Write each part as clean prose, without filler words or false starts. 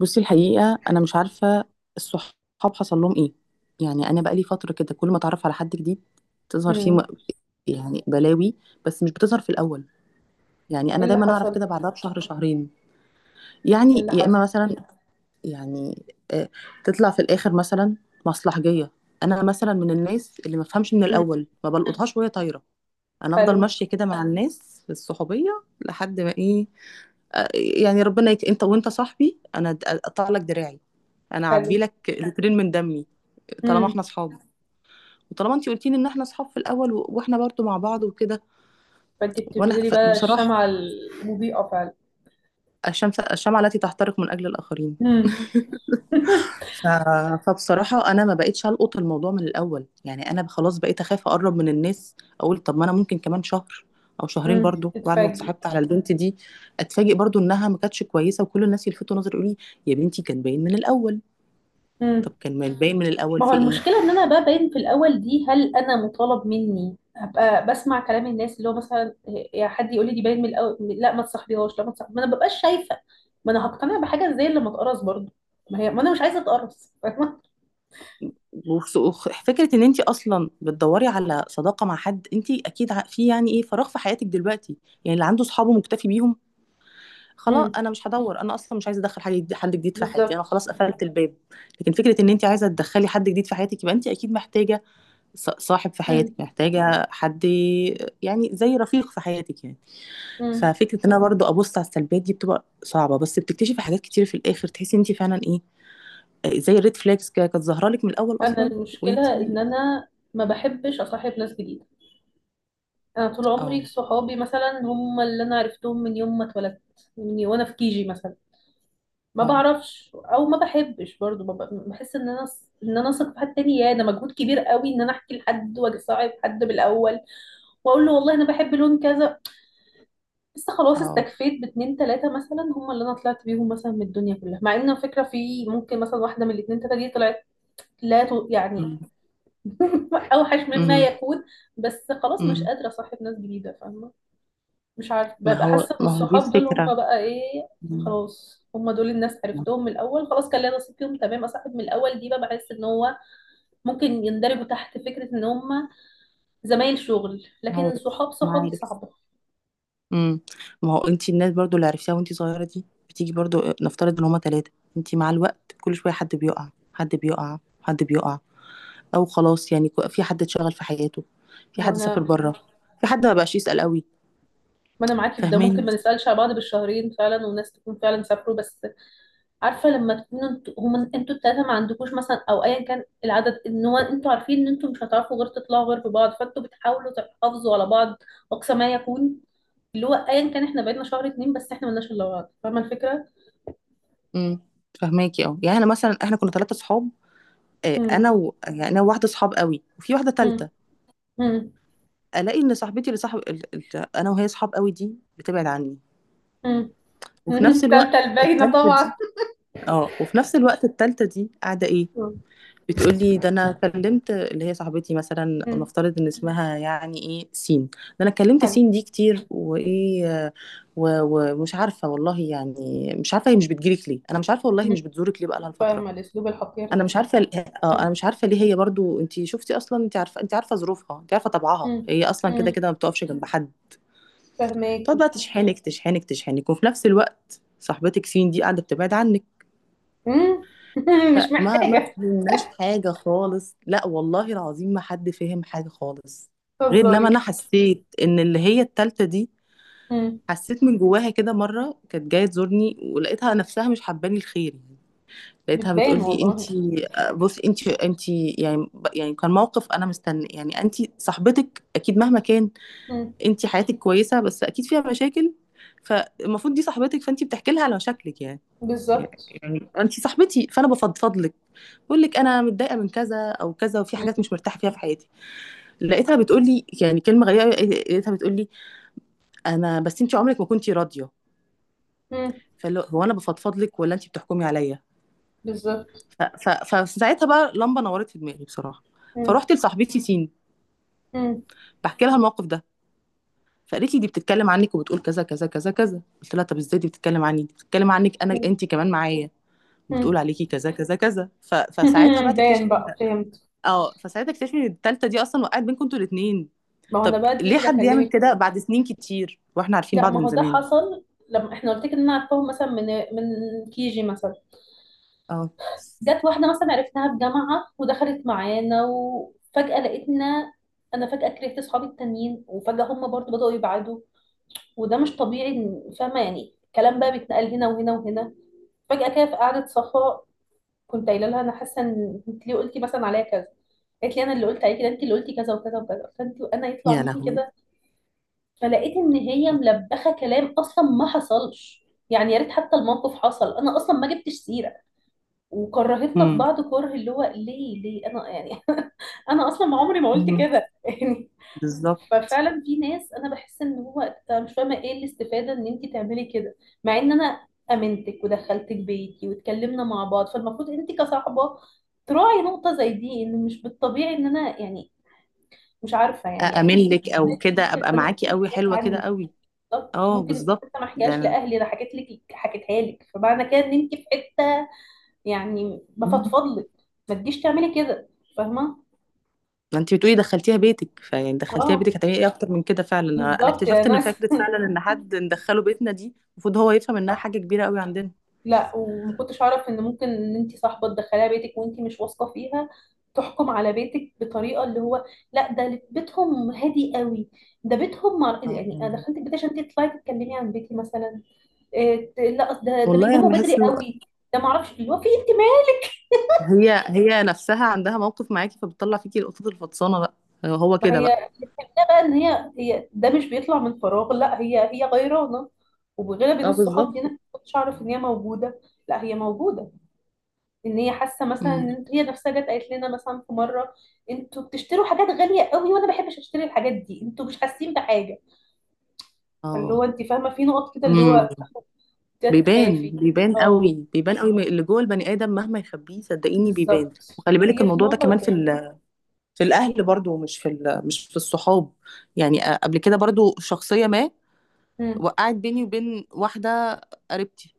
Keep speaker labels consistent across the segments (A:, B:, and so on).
A: بصي، الحقيقة أنا مش عارفة الصحاب حصل لهم إيه. يعني أنا بقالي فترة كده كل ما أتعرف على حد جديد تظهر فيه
B: امم.
A: يعني بلاوي، بس مش بتظهر في الأول. يعني
B: ايه
A: أنا
B: اللي
A: دايما أعرف
B: حصل
A: كده
B: ده؟
A: بعدها بشهر شهرين.
B: ايه
A: يعني
B: اللي
A: يا
B: حصل؟
A: إما مثلا، يعني آه، تطلع في الآخر مثلا مصلحجية. أنا مثلا من الناس اللي ما فهمش من
B: امم.
A: الأول، ما بلقطهاش وهي طايرة. أنا أفضل
B: حلو،
A: ماشية كده مع الناس في الصحوبية لحد ما إيه، آه، يعني ربنا أنت، وأنت صاحبي أنا أقطع لك دراعي، انا
B: حلو.
A: اعبي لك لترين من دمي، طالما
B: امم.
A: احنا اصحاب وطالما انت قلتي لي ان احنا اصحاب في الاول، واحنا برضو مع بعض وكده.
B: فانت
A: وانا
B: بتبذلي بقى
A: بصراحه
B: الشمعة المضيئة فعلا.
A: الشمس، الشمعة التي تحترق من اجل الاخرين.
B: امم.
A: ف... فبصراحه انا ما بقتش القط الموضوع من الاول. يعني انا خلاص بقيت اخاف اقرب من الناس، اقول طب ما انا ممكن كمان شهر او شهرين برضو بعد ما
B: تتفاجئي.
A: اتصاحبت على البنت دي اتفاجئ برضو انها ما كانتش كويسه، وكل الناس يلفتوا نظري يقولوا لي يا بنتي كان باين من الاول.
B: امم.
A: طب كان ما باين من الاول
B: ما هو
A: في ايه؟
B: المشكلة ان انا بقى باين في الاول دي، هل انا مطالب مني ابقى بسمع كلام الناس اللي هو مثلا يا حد يقول لي دي باين من الاول، لا ما تصاحبيهاش، لا ما تصاحبيهاش، ما انا ببقاش شايفة. ما انا هقتنع بحاجة زي اللي ما اتقرص برضه. ما هي ما انا مش عايزة اتقرص، فاهمة؟
A: فكرة ان انت اصلا بتدوري على صداقة مع حد، انت اكيد في يعني ايه، فراغ في حياتك دلوقتي. يعني اللي عنده صحابه مكتفي بيهم خلاص،
B: امم.
A: انا مش هدور، انا اصلا مش عايزة ادخل حد جديد في حياتي، انا
B: بالظبط.
A: خلاص قفلت الباب. لكن فكرة ان انت عايزة تدخلي حد جديد في حياتك يبقى انت اكيد محتاجة صاحب في حياتك،
B: امم.
A: محتاجة حد يعني زي رفيق في حياتك يعني.
B: امم.
A: ففكرة ان انا برضو ابص على السلبيات دي بتبقى صعبة، بس بتكتشفي حاجات كتير في الاخر تحسي انت فعلا ايه، زي الريد فلاجز كده كانت ظاهرة لك من الاول
B: انا
A: اصلا. وانت
B: المشكله ان انا ما بحبش اصاحب ناس جديده. انا طول
A: اه،
B: عمري صحابي مثلا هم اللي انا عرفتهم من يوم ما اتولدت، من وانا في كيجي مثلا. ما
A: اه،
B: بعرفش او ما بحبش برضو بحس ان انا اثق في حد تاني، يا ده مجهود كبير قوي ان انا احكي لحد واصاحب حد بالاول، واقول له والله انا بحب لون كذا. بس خلاص
A: اه،
B: استكفيت باتنين تلاته مثلا هم اللي انا طلعت بيهم مثلا من الدنيا كلها، مع ان على فكره في ممكن مثلا واحده من الاتنين تلاته دي طلعت لا ت-
A: مم.
B: يعني اوحش مما
A: مم.
B: يكون. بس خلاص مش
A: مم.
B: قادره اصاحب ناس جديده، فاهمه. مش عارفه
A: ما
B: ببقى
A: هو،
B: حاسه ان
A: دي
B: الصحاب دول هم
A: الفكرة.
B: بقى ايه؟
A: مم.
B: خلاص هم دول الناس عرفتهم من الاول، خلاص كان ليا نصيب فيهم، تمام. اصاحب من الاول دي بقى بحس ان هو ممكن يندرجوا تحت فكره ان هم زمايل شغل، لكن
A: عارف،
B: صحاب
A: ما
B: صحاب دي
A: عارف.
B: صعبه.
A: مم. ما هو انت الناس برضو اللي عرفتيها وانت صغيرة دي بتيجي برضو، نفترض ان هما تلاتة، انت مع الوقت كل شوية حد بيقع، حد بيقع، حد بيقع، او خلاص يعني في حد اتشغل في حياته، في
B: ما
A: حد سافر
B: انا
A: بره، في حد ما بقاش يسأل قوي،
B: ما انا معاكي في ده، ممكن
A: فاهماني؟
B: ما نسالش على بعض بالشهرين فعلا، وناس تكون فعلا سافروا، بس عارفه. لما تكونوا انتوا هم انتوا التلاته ما عندكوش مثلا، او ايا كان العدد، ان هو انتوا عارفين ان انتوا مش هتعرفوا غير تطلعوا غير ببعض، فانتوا بتحاولوا تحافظوا على بعض اقصى ما يكون، اللي هو ايا كان احنا بقينا شهر اتنين بس احنا ملناش الا بعض. فاهمه الفكره؟
A: امم، فاهماكي. اه، يعني انا مثلا احنا كنا ثلاثة صحاب،
B: امم.
A: انا يعني انا وواحدة صحاب قوي، وفي واحدة
B: امم.
A: تالتة.
B: امم.
A: الاقي ان صاحبتي اللي صاحب انا وهي صحاب قوي دي بتبعد عني،
B: امم.
A: وفي نفس الوقت
B: تالتة الباينه
A: التالتة دي،
B: طبعا.
A: اه، وفي نفس الوقت التالتة دي قاعدة ايه،
B: مم.
A: بتقول لي ده انا كلمت اللي هي صاحبتي مثلا،
B: مم.
A: ونفترض ان اسمها يعني ايه، سين. ده انا كلمت
B: حلو.
A: سين دي كتير، وايه، ومش عارفة والله، يعني مش عارفة هي مش بتجيلك ليه، انا مش عارفة والله هي
B: مم.
A: مش بتزورك ليه بقالها فترة.
B: فاهمه الاسلوب الحقير
A: انا
B: ده.
A: مش عارفة اه، انا
B: مم.
A: مش عارفة ليه هي برضو. انت شفتي اصلا، انت عارفة، انت عارفة ظروفها، انت عارفة طبعها،
B: مم.
A: هي اصلا كده
B: مم.
A: كده ما بتقفش جنب حد. تقعد
B: فاهماكي.
A: بقى تشحنك تشحنك تشحنك، وفي نفس الوقت صاحبتك فين، دي قاعده بتبعد عنك.
B: مم. مش
A: فما ما
B: محتاجه.
A: فهمناش حاجه خالص، لا والله العظيم ما حد فهم حاجه خالص، غير
B: تهزري.
A: لما انا حسيت ان اللي هي التالتة دي،
B: مم.
A: حسيت من جواها كده. مره كانت جايه تزورني ولقيتها نفسها مش حباني الخير يعني، لقيتها
B: بتبان
A: بتقول لي
B: والله.
A: انتي، بصي انتي، يعني يعني كان موقف انا مستني يعني انتي صاحبتك اكيد مهما كان
B: مم.
A: انت حياتك كويسه بس اكيد فيها مشاكل، فالمفروض دي صاحبتك فانت بتحكي لها على مشاكلك، يعني
B: بالظبط.
A: يعني انت صاحبتي فانا بفضفض لك، بقول لك انا متضايقه من كذا او كذا، وفي حاجات
B: مم.
A: مش مرتاحه فيها في حياتي. لقيتها بتقول لي يعني كلمه غريبه أوي، لقيتها بتقول لي انا بس انت عمرك ما كنتي راضيه.
B: مم.
A: فاللي هو، هو انا بفضفض لك ولا انت بتحكمي عليا؟
B: بالظبط.
A: ف- فساعتها بقى لمبه نورت في دماغي بصراحه.
B: مم.
A: فروحت لصاحبتي سين
B: مم.
A: بحكي لها الموقف ده، فقالت لي دي بتتكلم عنك، وبتقول كذا كذا كذا كذا. قلت لها طب ازاي دي بتتكلم عني، دي بتتكلم عنك انا،
B: مم.
A: انت كمان معايا
B: مم.
A: وبتقول عليكي كذا كذا كذا. فساعتها بقى تكتشف
B: باين
A: ان،
B: بقى، فهمت.
A: اه، فساعتها تكتشف ان التالتة دي اصلا وقعت بينكم انتوا الاتنين.
B: ما هو
A: طب
B: انا بقى دي
A: ليه
B: اللي
A: حد يعمل
B: بكلمك
A: كده
B: فيه.
A: بعد سنين كتير واحنا عارفين
B: لا
A: بعض
B: ما
A: من
B: هو ده
A: زمان؟
B: حصل لما احنا قلت لك ان انا عرفتهم مثلا من كيجي مثلا.
A: اه.
B: جت واحده مثلا عرفناها في جامعه ودخلت معانا وفجاه لقيتنا. انا فجاه كرهت اصحابي التانيين وفجاه هم برضو بداوا يبعدوا، وده مش طبيعي. فاهمه يعني الكلام بقى بيتنقل هنا وهنا وهنا، فجأة كده في قعدة صفاء كنت قايله لها انا حاسه ان انت ليه قلتي مثلا عليا كذا، قالت لي انا اللي قلت عليكي؟ ده انت اللي قلتي كذا وكذا وكذا، فانت وانا يطلع
A: يا
B: مني
A: لهوي.
B: كده. فلقيت ان هي ملبخه كلام، اصلا ما حصلش، يعني يا ريت حتى الموقف حصل، انا اصلا ما جبتش سيره. وكرهتنا في
A: امم.
B: بعض كره، اللي هو ليه ليه انا يعني انا اصلا عمري ما قلت
A: أمم.
B: كده.
A: بالظبط.
B: ففعلا في ناس انا بحس ان هو أنا مش فاهمه ايه الاستفاده ان انت تعملي كده، مع ان انا امنتك ودخلتك بيتي واتكلمنا مع بعض، فالمفروض انت كصاحبه تراعي نقطه زي دي، ان مش بالطبيعي ان انا يعني مش عارفه يعني اكيد
A: أأمن
B: دي
A: لك او كده،
B: كتير
A: ابقى
B: انا احكي
A: معاكي
B: لك
A: قوي،
B: حاجات
A: حلوه كده
B: عني.
A: قوي.
B: بالظبط،
A: اه
B: ممكن
A: بالظبط،
B: حتى ما احكيهاش
A: ده
B: لاهلي انا حكيت لك، حكيتها لك، فمعنى كده ان انت في حته يعني
A: انا،
B: بفضفض لك، ما تجيش تعملي كده. فاهمه.
A: ما انت بتقولي دخلتيها بيتك، فيعني دخلتيها بيتك
B: اه،
A: هتعملي ايه اكتر من كده؟ فعلا انا،
B: بالظبط يا
A: اكتشفت ان
B: ناس.
A: فكره فعلا ان حد ندخله بيتنا، دي المفروض هو يفهم انها حاجه كبيره قوي عندنا.
B: لا وما كنتش اعرف ان ممكن ان انت صاحبه تدخليها بيتك وانت مش واثقه فيها، تحكم على بيتك بطريقه اللي هو، لا ده بيتهم هادي قوي. ده بيتهم مع...
A: آه.
B: يعني انا دخلت البيت عشان انت تطلعي تتكلمي عن بيتي مثلا؟ لا أصل ده
A: والله انا
B: بيناموا بدري
A: بحس إنه
B: قوي، ده ما اعرفش اللي هو في انتماء.
A: هي هي نفسها عندها موقف معاكي، فبتطلع فيكي القطط الفطسانه بقى، هو
B: ما
A: كده
B: هي
A: بقى.
B: الفكره بقى ان هي ده مش بيطلع من فراغ، لا هي غيرانه، وبغيرها بين
A: اه،
B: الصحاب
A: بالظبط.
B: دي انا ما كنتش اعرف ان هي موجوده، لا هي موجوده، ان هي حاسه مثلا،
A: امم.
B: ان هي نفسها جت قالت لنا مثلا في مره انتوا بتشتروا حاجات غاليه قوي وانا ما بحبش اشتري الحاجات دي، انتوا مش حاسين بحاجه. فاللي هو
A: اه.
B: انت فاهمه في نقط كده اللي
A: امم.
B: هو بدات
A: بيبان،
B: تخافي.
A: بيبان
B: اه،
A: قوي، بيبان قوي، اللي جوه البني ادم مهما يخبيه صدقيني بيبان.
B: بالظبط.
A: وخلي بالك
B: هي في
A: الموضوع ده
B: نقطه
A: كمان في
B: بتبان.
A: في الاهل برضو، مش في مش في الصحاب. يعني قبل كده برضو شخصيه ما
B: امم.
A: وقعت بيني وبين واحدة قريبتي،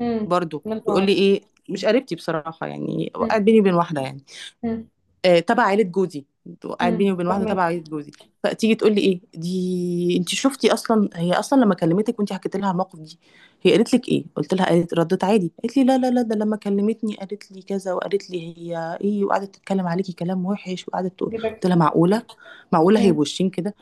B: امم.
A: برضو
B: يا
A: تقول لي
B: نهار.
A: ايه، مش قريبتي بصراحة، يعني وقعت
B: امم.
A: بيني وبين واحدة يعني،
B: امم.
A: آه، تبع عيلة جوزي. وقعت
B: امم.
A: بيني وبين واحدة تبع
B: فاهمك.
A: عيلة جوزي، فتيجي تقول لي ايه دي، انت شفتي اصلا، هي اصلا لما كلمتك وانت حكيت لها على الموقف دي هي قالت لك ايه؟ قلت لها قالت، ردت عادي، قالت لي لا، لا، لا، ده لما كلمتني قالت لي كذا، وقالت لي هي ايه، وقعدت تتكلم عليكي كلام وحش، وقعدت تقول.
B: جدا.
A: قلت لها معقولة، معقولة هي
B: امم.
A: بوشين كده؟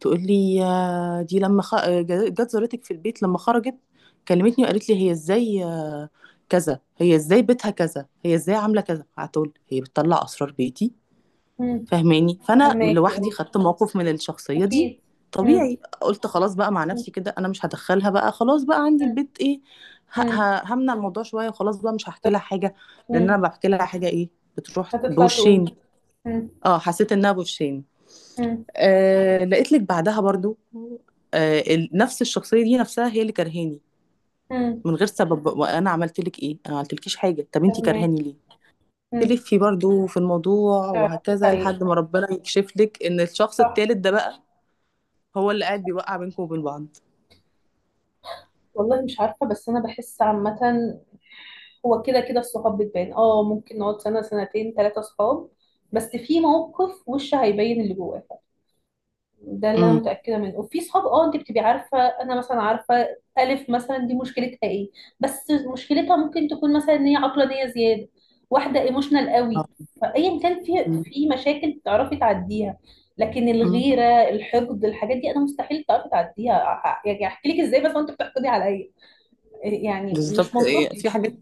A: تقول لي يا دي، لما جت زارتك في البيت لما خرجت كلمتني وقالت لي هي ازاي، كذا، هي ازاي بيتها كذا، هي ازاي عامله كذا. قعدت اقول هي بتطلع اسرار بيتي،
B: امم.
A: فاهماني؟ فانا
B: فاهماكي.
A: لوحدي
B: اه،
A: خدت موقف من الشخصيه دي،
B: اكيد. امم.
A: طبيعي. قلت خلاص بقى مع
B: امم.
A: نفسي كده انا مش هدخلها بقى خلاص بقى عندي البيت ايه،
B: امم.
A: همنع الموضوع شويه، وخلاص بقى مش هحكي لها حاجه، لان انا
B: امم.
A: بحكي لها حاجه ايه، بتروح
B: هتطلع
A: بوشين.
B: تقول. امم.
A: اه، حسيت انها بوشين.
B: امم.
A: آه لقيت لك بعدها برضو، آه نفس الشخصية دي نفسها هي اللي كرهاني
B: امم.
A: من غير سبب. وانا عملت لك ايه؟ انا ما عملتلكيش حاجة، طب انتي كرهاني
B: فاهماكي.
A: ليه؟
B: امم.
A: تلفي برضو في الموضوع
B: تعرفي
A: وهكذا،
B: الحقيقه.
A: لحد ما ربنا يكشف لك ان الشخص
B: صح.
A: التالت ده بقى هو اللي قاعد بيوقع بينكم وبين بعض.
B: والله مش عارفة، بس أنا بحس عامة هو كده كده الصحاب بتبان. اه، ممكن نقعد سنة سنتين ثلاثة صحاب، بس في موقف وش هيبين اللي جواك، ده اللي أنا
A: امم.
B: متأكدة منه. وفي صحاب، اه، أنت بتبقي عارفة. أنا مثلا عارفة ألف مثلا دي مشكلتها إيه، بس مشكلتها ممكن تكون مثلا إن هي عقلانية زيادة، واحدة ايموشنال قوي، فأيا كان في مشاكل بتعرفي تعديها. لكن
A: امم.
B: الغيرة، الحقد، الحاجات دي أنا مستحيل تعرفي تعديها، يعني أحكي لك إزاي بس وأنت بتحقدي عليا؟ يعني مش
A: بالظبط. إيه،
B: منطقي.
A: في حاجات،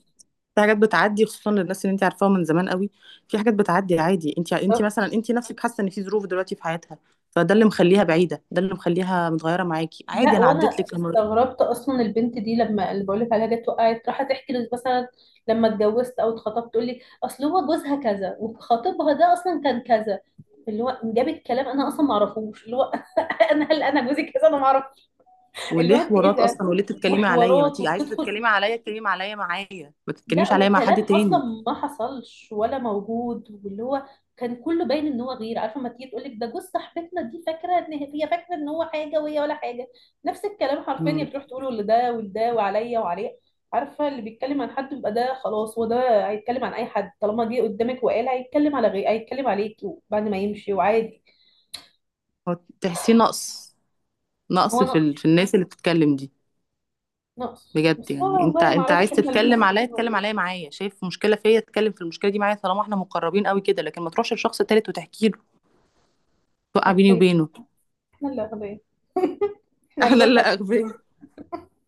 A: في حاجات بتعدي خصوصا للناس اللي انت عارفاها من زمان قوي، في حاجات بتعدي عادي. انت، مثلا
B: بالظبط.
A: انت نفسك حاسه ان في ظروف دلوقتي في حياتها، فده اللي مخليها بعيده، ده اللي مخليها متغيره معاكي عادي،
B: لا
A: انا عديت
B: وانا
A: لك
B: استغربت اصلا البنت دي، لما اللي بقول لك عليها جت وقعت راحت تحكي لي مثلا لما اتجوزت او اتخطبت، تقول لي اصل هو جوزها كذا وخطيبها ده اصلا كان كذا، اللي هو جابت كلام انا اصلا ما اعرفوش. اللي هو انا هل انا جوزي كذا؟ انا ما اعرف. اللي هو
A: وليه
B: انت ايه
A: حوارات
B: ده،
A: اصلا، وليه تتكلمي عليا؟ ما
B: وحوارات
A: تيجي عايزه
B: وبتدخل.
A: تتكلمي عليا اتكلمي عليا معايا، ما
B: لا
A: تتكلميش عليا مع حد
B: وكلام اصلا
A: تاني.
B: ما حصلش ولا موجود، واللي هو كان كله باين ان هو غير عارفه، ما تيجي تقول لك ده جوز صاحبتنا دي، فاكره ان هي فاكره ان هو حاجه وهي ولا حاجه. نفس الكلام حرفيا هي
A: امم.
B: بتروح تقوله لده ولده وعليا وعليه. عارفه، اللي بيتكلم عن حد يبقى ده خلاص، هو ده هيتكلم عن اي حد، طالما جه قدامك وقال هيتكلم على غير، هيتكلم عليك بعد ما يمشي، وعادي.
A: هو تحسيه نقص، نقص
B: هو
A: في
B: نقص،
A: في الناس اللي بتتكلم دي.
B: نقص.
A: بجد،
B: بس هو
A: يعني انت،
B: والله ما اعرفش
A: عايز
B: احنا اللي
A: تتكلم عليا
B: متخلفين ولا
A: اتكلم
B: ايه.
A: عليا معايا، شايف مشكله فيا اتكلم في المشكله دي معايا، طالما احنا مقربين قوي كده، لكن ما تروحش لشخص تالت وتحكي له، توقع بيني
B: اغبياء.
A: وبينه.
B: احنا اللي اغبياء. احنا
A: احنا
B: اغبياء مش
A: اللي
B: عارفين.
A: اغبياء،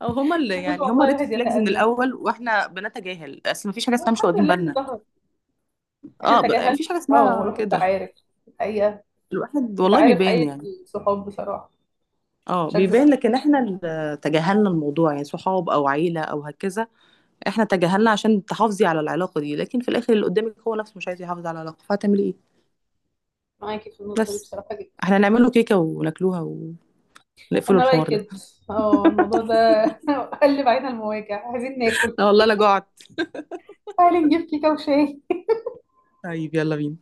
A: او هما اللي
B: المفروض
A: يعني هما
B: والله
A: ريد
B: الواحد
A: فلاجز من
B: يتأنى،
A: الاول واحنا بنتجاهل، اصل مفيش حاجه اسمها مش
B: والحمد
A: واخدين
B: لله ان
A: بالنا.
B: ظهر. احنا
A: اه،
B: تجاهلنا.
A: مفيش حاجه
B: اه،
A: اسمها
B: والواحد بقى
A: كده.
B: عارف الحقيقة.
A: الواحد
B: بيبقى
A: والله
B: عارف
A: بيبان
B: حقيقة
A: يعني،
B: الصحاب بصراحة.
A: اه
B: مش هكذب
A: بيبان،
B: عليك،
A: لكن احنا اللي تجاهلنا الموضوع، يعني صحاب او عيله او هكذا. احنا تجاهلنا عشان تحافظي على العلاقه دي، لكن في الاخر اللي قدامك هو نفسه مش عايز يحافظ على العلاقه، فهتعملي ايه؟
B: معاكي في النقطة دي
A: بس،
B: بصراحة جدا.
A: احنا نعمله كيكه وناكلوها، ونقفلوا
B: أنا رأيي
A: الحوار ده.
B: كده. اه، الموضوع ده قلب علينا المواجع. عايزين ناكل.
A: لا والله انا جوعت.
B: تعالي نجيب كيكة وشاي.
A: طيب يلا بينا.